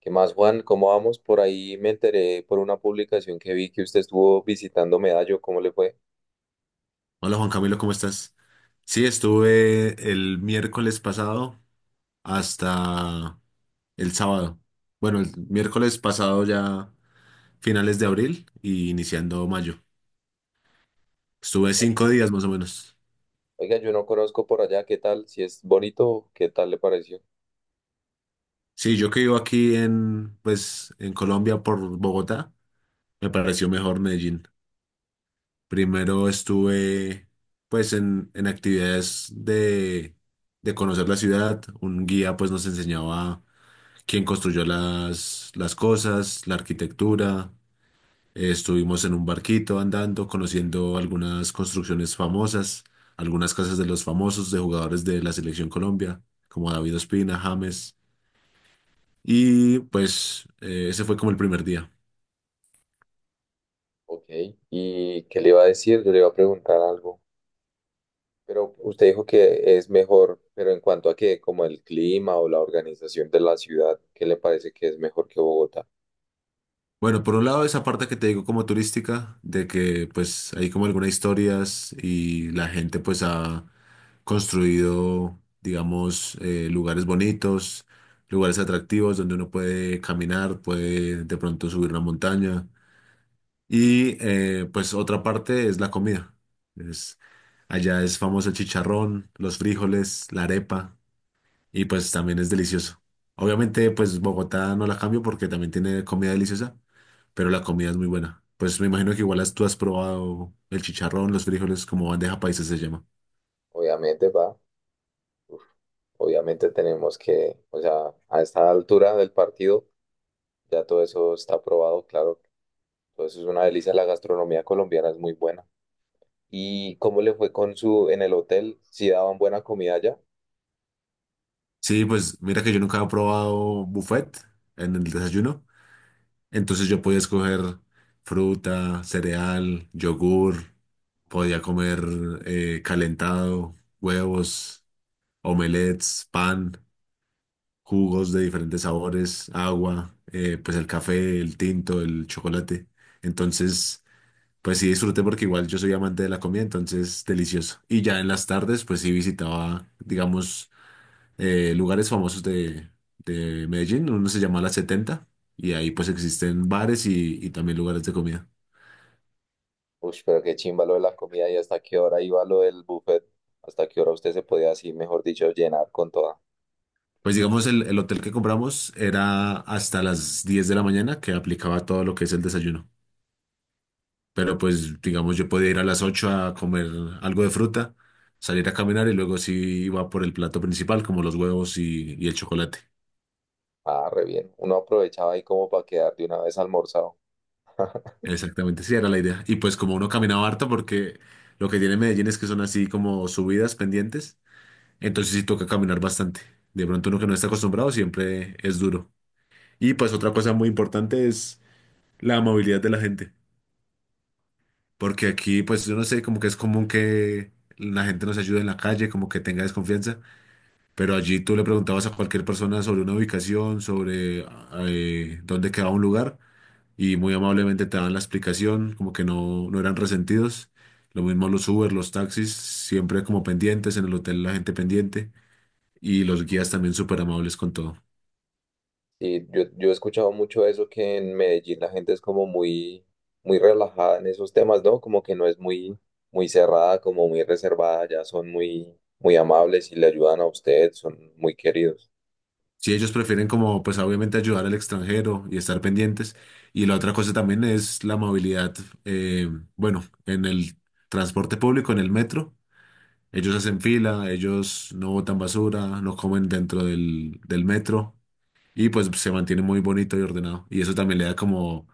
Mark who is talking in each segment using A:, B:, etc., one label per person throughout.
A: ¿Qué más, Juan? ¿Cómo vamos? Por ahí me enteré por una publicación que vi que usted estuvo visitando Medallo. ¿Cómo le fue?
B: Hola Juan Camilo, ¿cómo estás? Sí, estuve el miércoles pasado hasta el sábado. Bueno, el miércoles pasado ya finales de abril y iniciando mayo. Estuve
A: Bueno,
B: 5 días más o menos.
A: oiga, yo no conozco por allá. ¿Qué tal? Si es bonito, ¿qué tal le pareció?
B: Sí, yo que vivo aquí en Colombia por Bogotá, me pareció mejor Medellín. Primero estuve, pues, en actividades de conocer la ciudad. Un guía, pues, nos enseñaba quien construyó las cosas, la arquitectura. Estuvimos en un barquito andando, conociendo algunas construcciones famosas, algunas casas de los famosos, de jugadores de la Selección Colombia, como David Ospina, James. Y pues ese fue como el primer día.
A: Ok. ¿Y qué le iba a decir? Yo le iba a preguntar algo. Pero usted dijo que es mejor, pero en cuanto a qué, como el clima o la organización de la ciudad, ¿qué le parece que es mejor que Bogotá?
B: Bueno, por un lado esa parte que te digo como turística, de que pues hay como algunas historias y la gente pues ha construido, digamos, lugares bonitos, lugares atractivos donde uno puede caminar, puede de pronto subir una montaña. Y pues otra parte es la comida. Es, allá es famoso el chicharrón, los frijoles, la arepa y pues también es delicioso. Obviamente, pues Bogotá no la cambio porque también tiene comida deliciosa, pero la comida es muy buena. Pues me imagino que igual tú has probado el chicharrón, los frijoles, como bandeja paisa se llama.
A: Obviamente, va. Uf, obviamente tenemos que, o sea, a esta altura del partido, ya todo eso está aprobado, claro. Entonces es una delicia, la gastronomía colombiana es muy buena. ¿Y cómo le fue con su en el hotel? ¿Si daban buena comida allá?
B: Sí, pues mira que yo nunca he probado buffet en el desayuno, entonces yo podía escoger fruta, cereal, yogur, podía comer calentado, huevos, omelets, pan. Jugos de diferentes sabores, agua, pues el café, el tinto, el chocolate. Entonces, pues sí disfruté porque igual yo soy amante de la comida, entonces delicioso. Y ya en las tardes, pues sí visitaba, digamos, lugares famosos de Medellín, uno se llama La 70, y ahí pues existen bares y también lugares de comida.
A: Uy, pero qué chimba lo de la comida y hasta qué hora iba lo del buffet, hasta qué hora usted se podía así, mejor dicho, llenar con toda.
B: Pues digamos, el hotel que compramos era hasta las 10 de la mañana que aplicaba todo lo que es el desayuno. Pero pues, digamos, yo podía ir a las 8 a comer algo de fruta, salir a caminar y luego sí iba por el plato principal, como los huevos y el chocolate.
A: Ah, re bien. Uno aprovechaba ahí como para quedar de una vez almorzado.
B: Exactamente, sí, era la idea. Y pues como uno caminaba harto, porque lo que tiene Medellín es que son así como subidas pendientes, entonces sí toca caminar bastante. De pronto uno que no está acostumbrado siempre es duro. Y pues otra cosa muy importante es la movilidad de la gente, porque aquí pues yo no sé, como que es común que la gente nos ayude en la calle, como que tenga desconfianza. Pero allí tú le preguntabas a cualquier persona sobre una ubicación, sobre dónde quedaba un lugar, y muy amablemente te daban la explicación, como que no, no eran resentidos. Lo mismo los Uber, los taxis, siempre como pendientes, en el hotel la gente pendiente, y los guías también súper amables con todo.
A: Sí, yo he escuchado mucho eso que en Medellín la gente es como muy, muy relajada en esos temas, ¿no? Como que no es muy, muy cerrada, como muy reservada, ya son muy, muy amables y le ayudan a usted, son muy queridos.
B: Si ellos prefieren como, pues obviamente ayudar al extranjero y estar pendientes. Y la otra cosa también es la movilidad, eh, bueno, en el transporte público, en el metro. Ellos hacen fila, ellos no botan basura, no comen dentro del metro y pues se mantiene muy bonito y ordenado. Y eso también le da como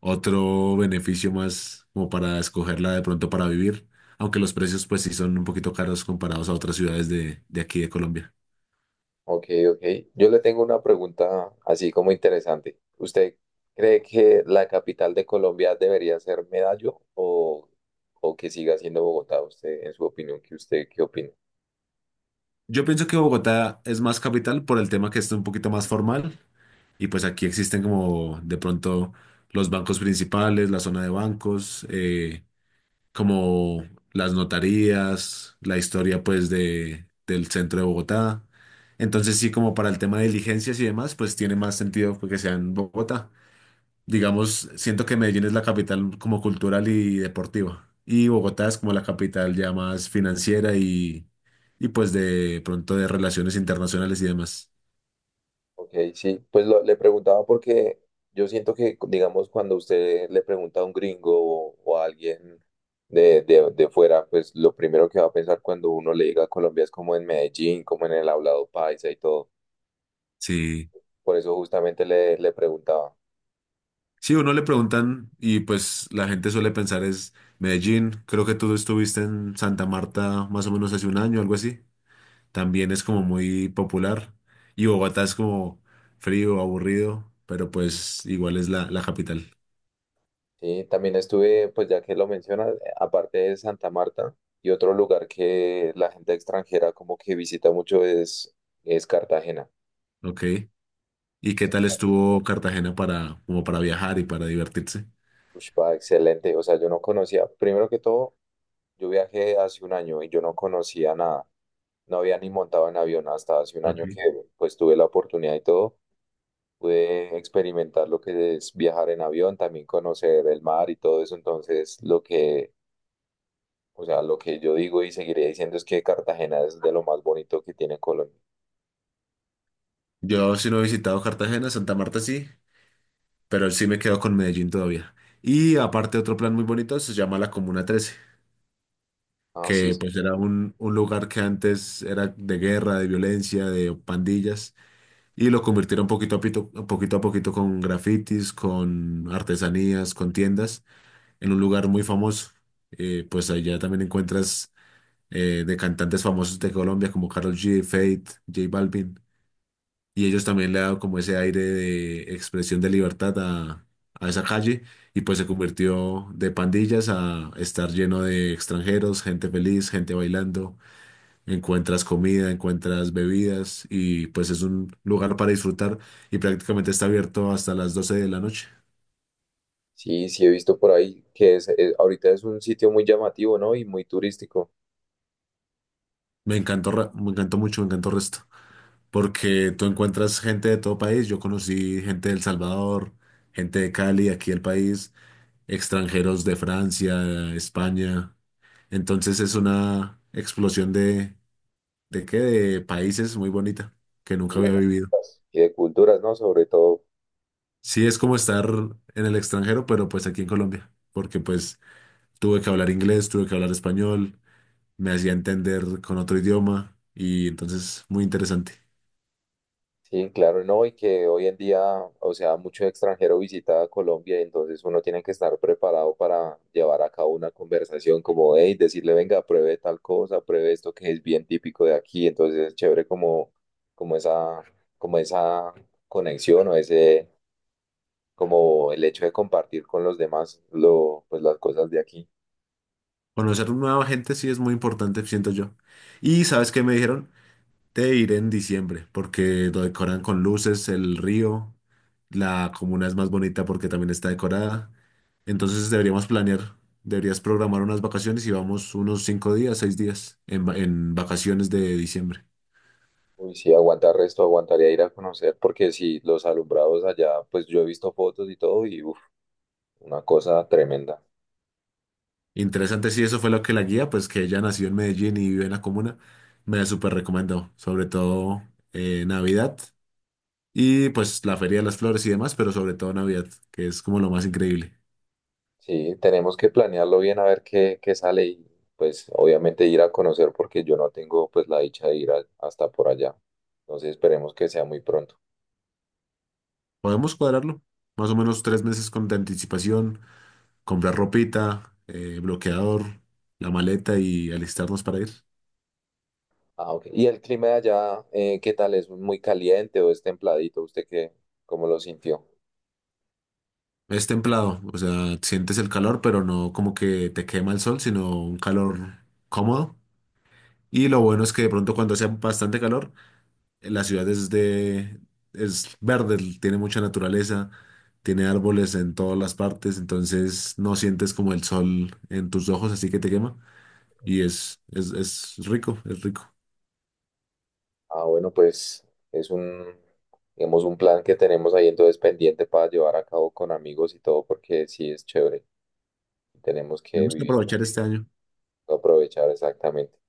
B: otro beneficio más como para escogerla de pronto para vivir, aunque los precios pues sí son un poquito caros comparados a otras ciudades de aquí de Colombia.
A: Ok, ok. Yo le tengo una pregunta así como interesante. ¿Usted cree que la capital de Colombia debería ser Medallo o que siga siendo Bogotá? Usted, en su opinión, ¿qué usted qué opina?
B: Yo pienso que Bogotá es más capital por el tema que es un poquito más formal y pues aquí existen como de pronto los bancos principales, la zona de bancos. Como las notarías, la historia pues del centro de Bogotá. Entonces sí, como para el tema de diligencias y demás, pues tiene más sentido que sea en Bogotá. Digamos, siento que Medellín es la capital como cultural y deportiva. Y Bogotá es como la capital ya más financiera y pues de pronto de relaciones internacionales y demás.
A: Ok, sí, pues le preguntaba porque yo siento que, digamos, cuando usted le pregunta a un gringo o a alguien de fuera, pues lo primero que va a pensar cuando uno le diga Colombia es como en Medellín, como en el hablado paisa y todo.
B: Sí.
A: Por eso justamente le preguntaba.
B: Sí, uno le preguntan y pues la gente suele pensar es Medellín. Creo que tú estuviste en Santa Marta más o menos hace 1 año, algo así. También es como muy popular. Y Bogotá es como frío, aburrido, pero pues igual es la capital.
A: Sí, también estuve, pues ya que lo mencionas, aparte de Santa Marta, y otro lugar que la gente extranjera como que visita mucho es Cartagena.
B: Ok. ¿Y qué
A: Es que,
B: tal estuvo Cartagena para, como para viajar y para divertirse?
A: ush, pa, excelente, o sea, yo no conocía, primero que todo. Yo viajé hace un año y yo no conocía nada. No había ni montado en avión hasta hace un
B: Ok.
A: año que pues tuve la oportunidad y todo. Pude experimentar lo que es viajar en avión, también conocer el mar y todo eso. Entonces, lo que, o sea, lo que yo digo y seguiré diciendo es que Cartagena es de lo más bonito que tiene Colombia.
B: Yo sí no he visitado Cartagena, Santa Marta sí, pero sí me quedo con Medellín todavía. Y aparte otro plan muy bonito se llama la Comuna 13,
A: Ah, sí,
B: que
A: sí,
B: pues era un lugar que antes era de guerra, de violencia, de pandillas. Y lo convirtieron poquito a poquito con grafitis, con artesanías, con tiendas, en un lugar muy famoso. Pues allá también encuentras de cantantes famosos de Colombia como Karol G, Feid, J Balvin. Y ellos también le han dado como ese aire de expresión de libertad a esa calle. Y pues se convirtió de pandillas a estar lleno de extranjeros, gente feliz, gente bailando. Encuentras comida, encuentras bebidas y pues es un lugar para disfrutar y prácticamente está abierto hasta las 12 de la noche.
A: sí, sí he visto por ahí que ahorita es un sitio muy llamativo, ¿no? Y muy turístico.
B: Me encantó, me encantó mucho, me encantó el resto, porque tú encuentras gente de todo país. Yo conocí gente de El Salvador, gente de Cali, aquí el país, extranjeros de Francia, España. Entonces es una explosión ¿de qué? De países muy bonita que nunca había vivido.
A: Y de culturas, ¿no? Sobre todo
B: Sí, es como estar en el extranjero, pero pues aquí en Colombia, porque pues tuve que hablar inglés, tuve que hablar español, me hacía entender con otro idioma y entonces muy interesante.
A: sí, claro, no, y que hoy en día, o sea, mucho extranjero visita a Colombia, y entonces uno tiene que estar preparado para llevar a cabo una conversación como, hey, decirle, venga, pruebe tal cosa, pruebe esto que es bien típico de aquí, entonces es chévere como, como esa, como esa conexión o ese, como el hecho de compartir con los demás lo, pues las cosas de aquí.
B: Conocer nueva gente sí es muy importante, siento yo. Y ¿sabes qué me dijeron? Te iré en diciembre porque lo decoran con luces, el río, la comuna es más bonita porque también está decorada. Entonces deberíamos planear, deberías programar unas vacaciones y vamos unos 5 días, 6 días en vacaciones de diciembre.
A: Uy, sí, aguantar resto, aguantaría ir a conocer, porque sí, los alumbrados allá, pues yo he visto fotos y todo, y uf, una cosa tremenda.
B: Interesante, sí, eso fue lo que la guía, pues que ella nació en Medellín y vive en la comuna, me súper recomendó, sobre todo Navidad y pues la Feria de las Flores y demás, pero sobre todo Navidad, que es como lo más increíble.
A: Sí, tenemos que planearlo bien a ver qué, qué sale y pues obviamente ir a conocer porque yo no tengo pues la dicha de hasta por allá. Entonces esperemos que sea muy pronto.
B: Podemos cuadrarlo, más o menos 3 meses con de anticipación, comprar ropita, bloqueador, la maleta y alistarnos para ir.
A: Ah, ok. ¿Y el clima de allá, qué tal? ¿Es muy caliente o es templadito? ¿Usted qué, cómo lo sintió?
B: Es templado, o sea, sientes el calor, pero no como que te quema el sol, sino un calor cómodo. Y lo bueno es que de pronto cuando hace bastante calor, la ciudad es de, es verde, tiene mucha naturaleza, tiene árboles en todas las partes, entonces no sientes como el sol en tus ojos, así que te quema. Y es rico, es rico.
A: Ah, bueno, pues es un, digamos, un plan que tenemos ahí entonces pendiente para llevar a cabo con amigos y todo porque sí es chévere. Tenemos que
B: Tenemos que
A: vivir,
B: aprovechar este año.
A: aprovechar exactamente.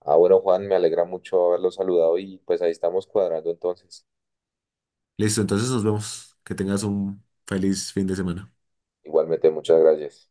A: Ah, bueno, Juan, me alegra mucho haberlo saludado y pues ahí estamos cuadrando entonces.
B: Listo, entonces nos vemos. Que tengas un feliz fin de semana.
A: Igualmente, muchas gracias.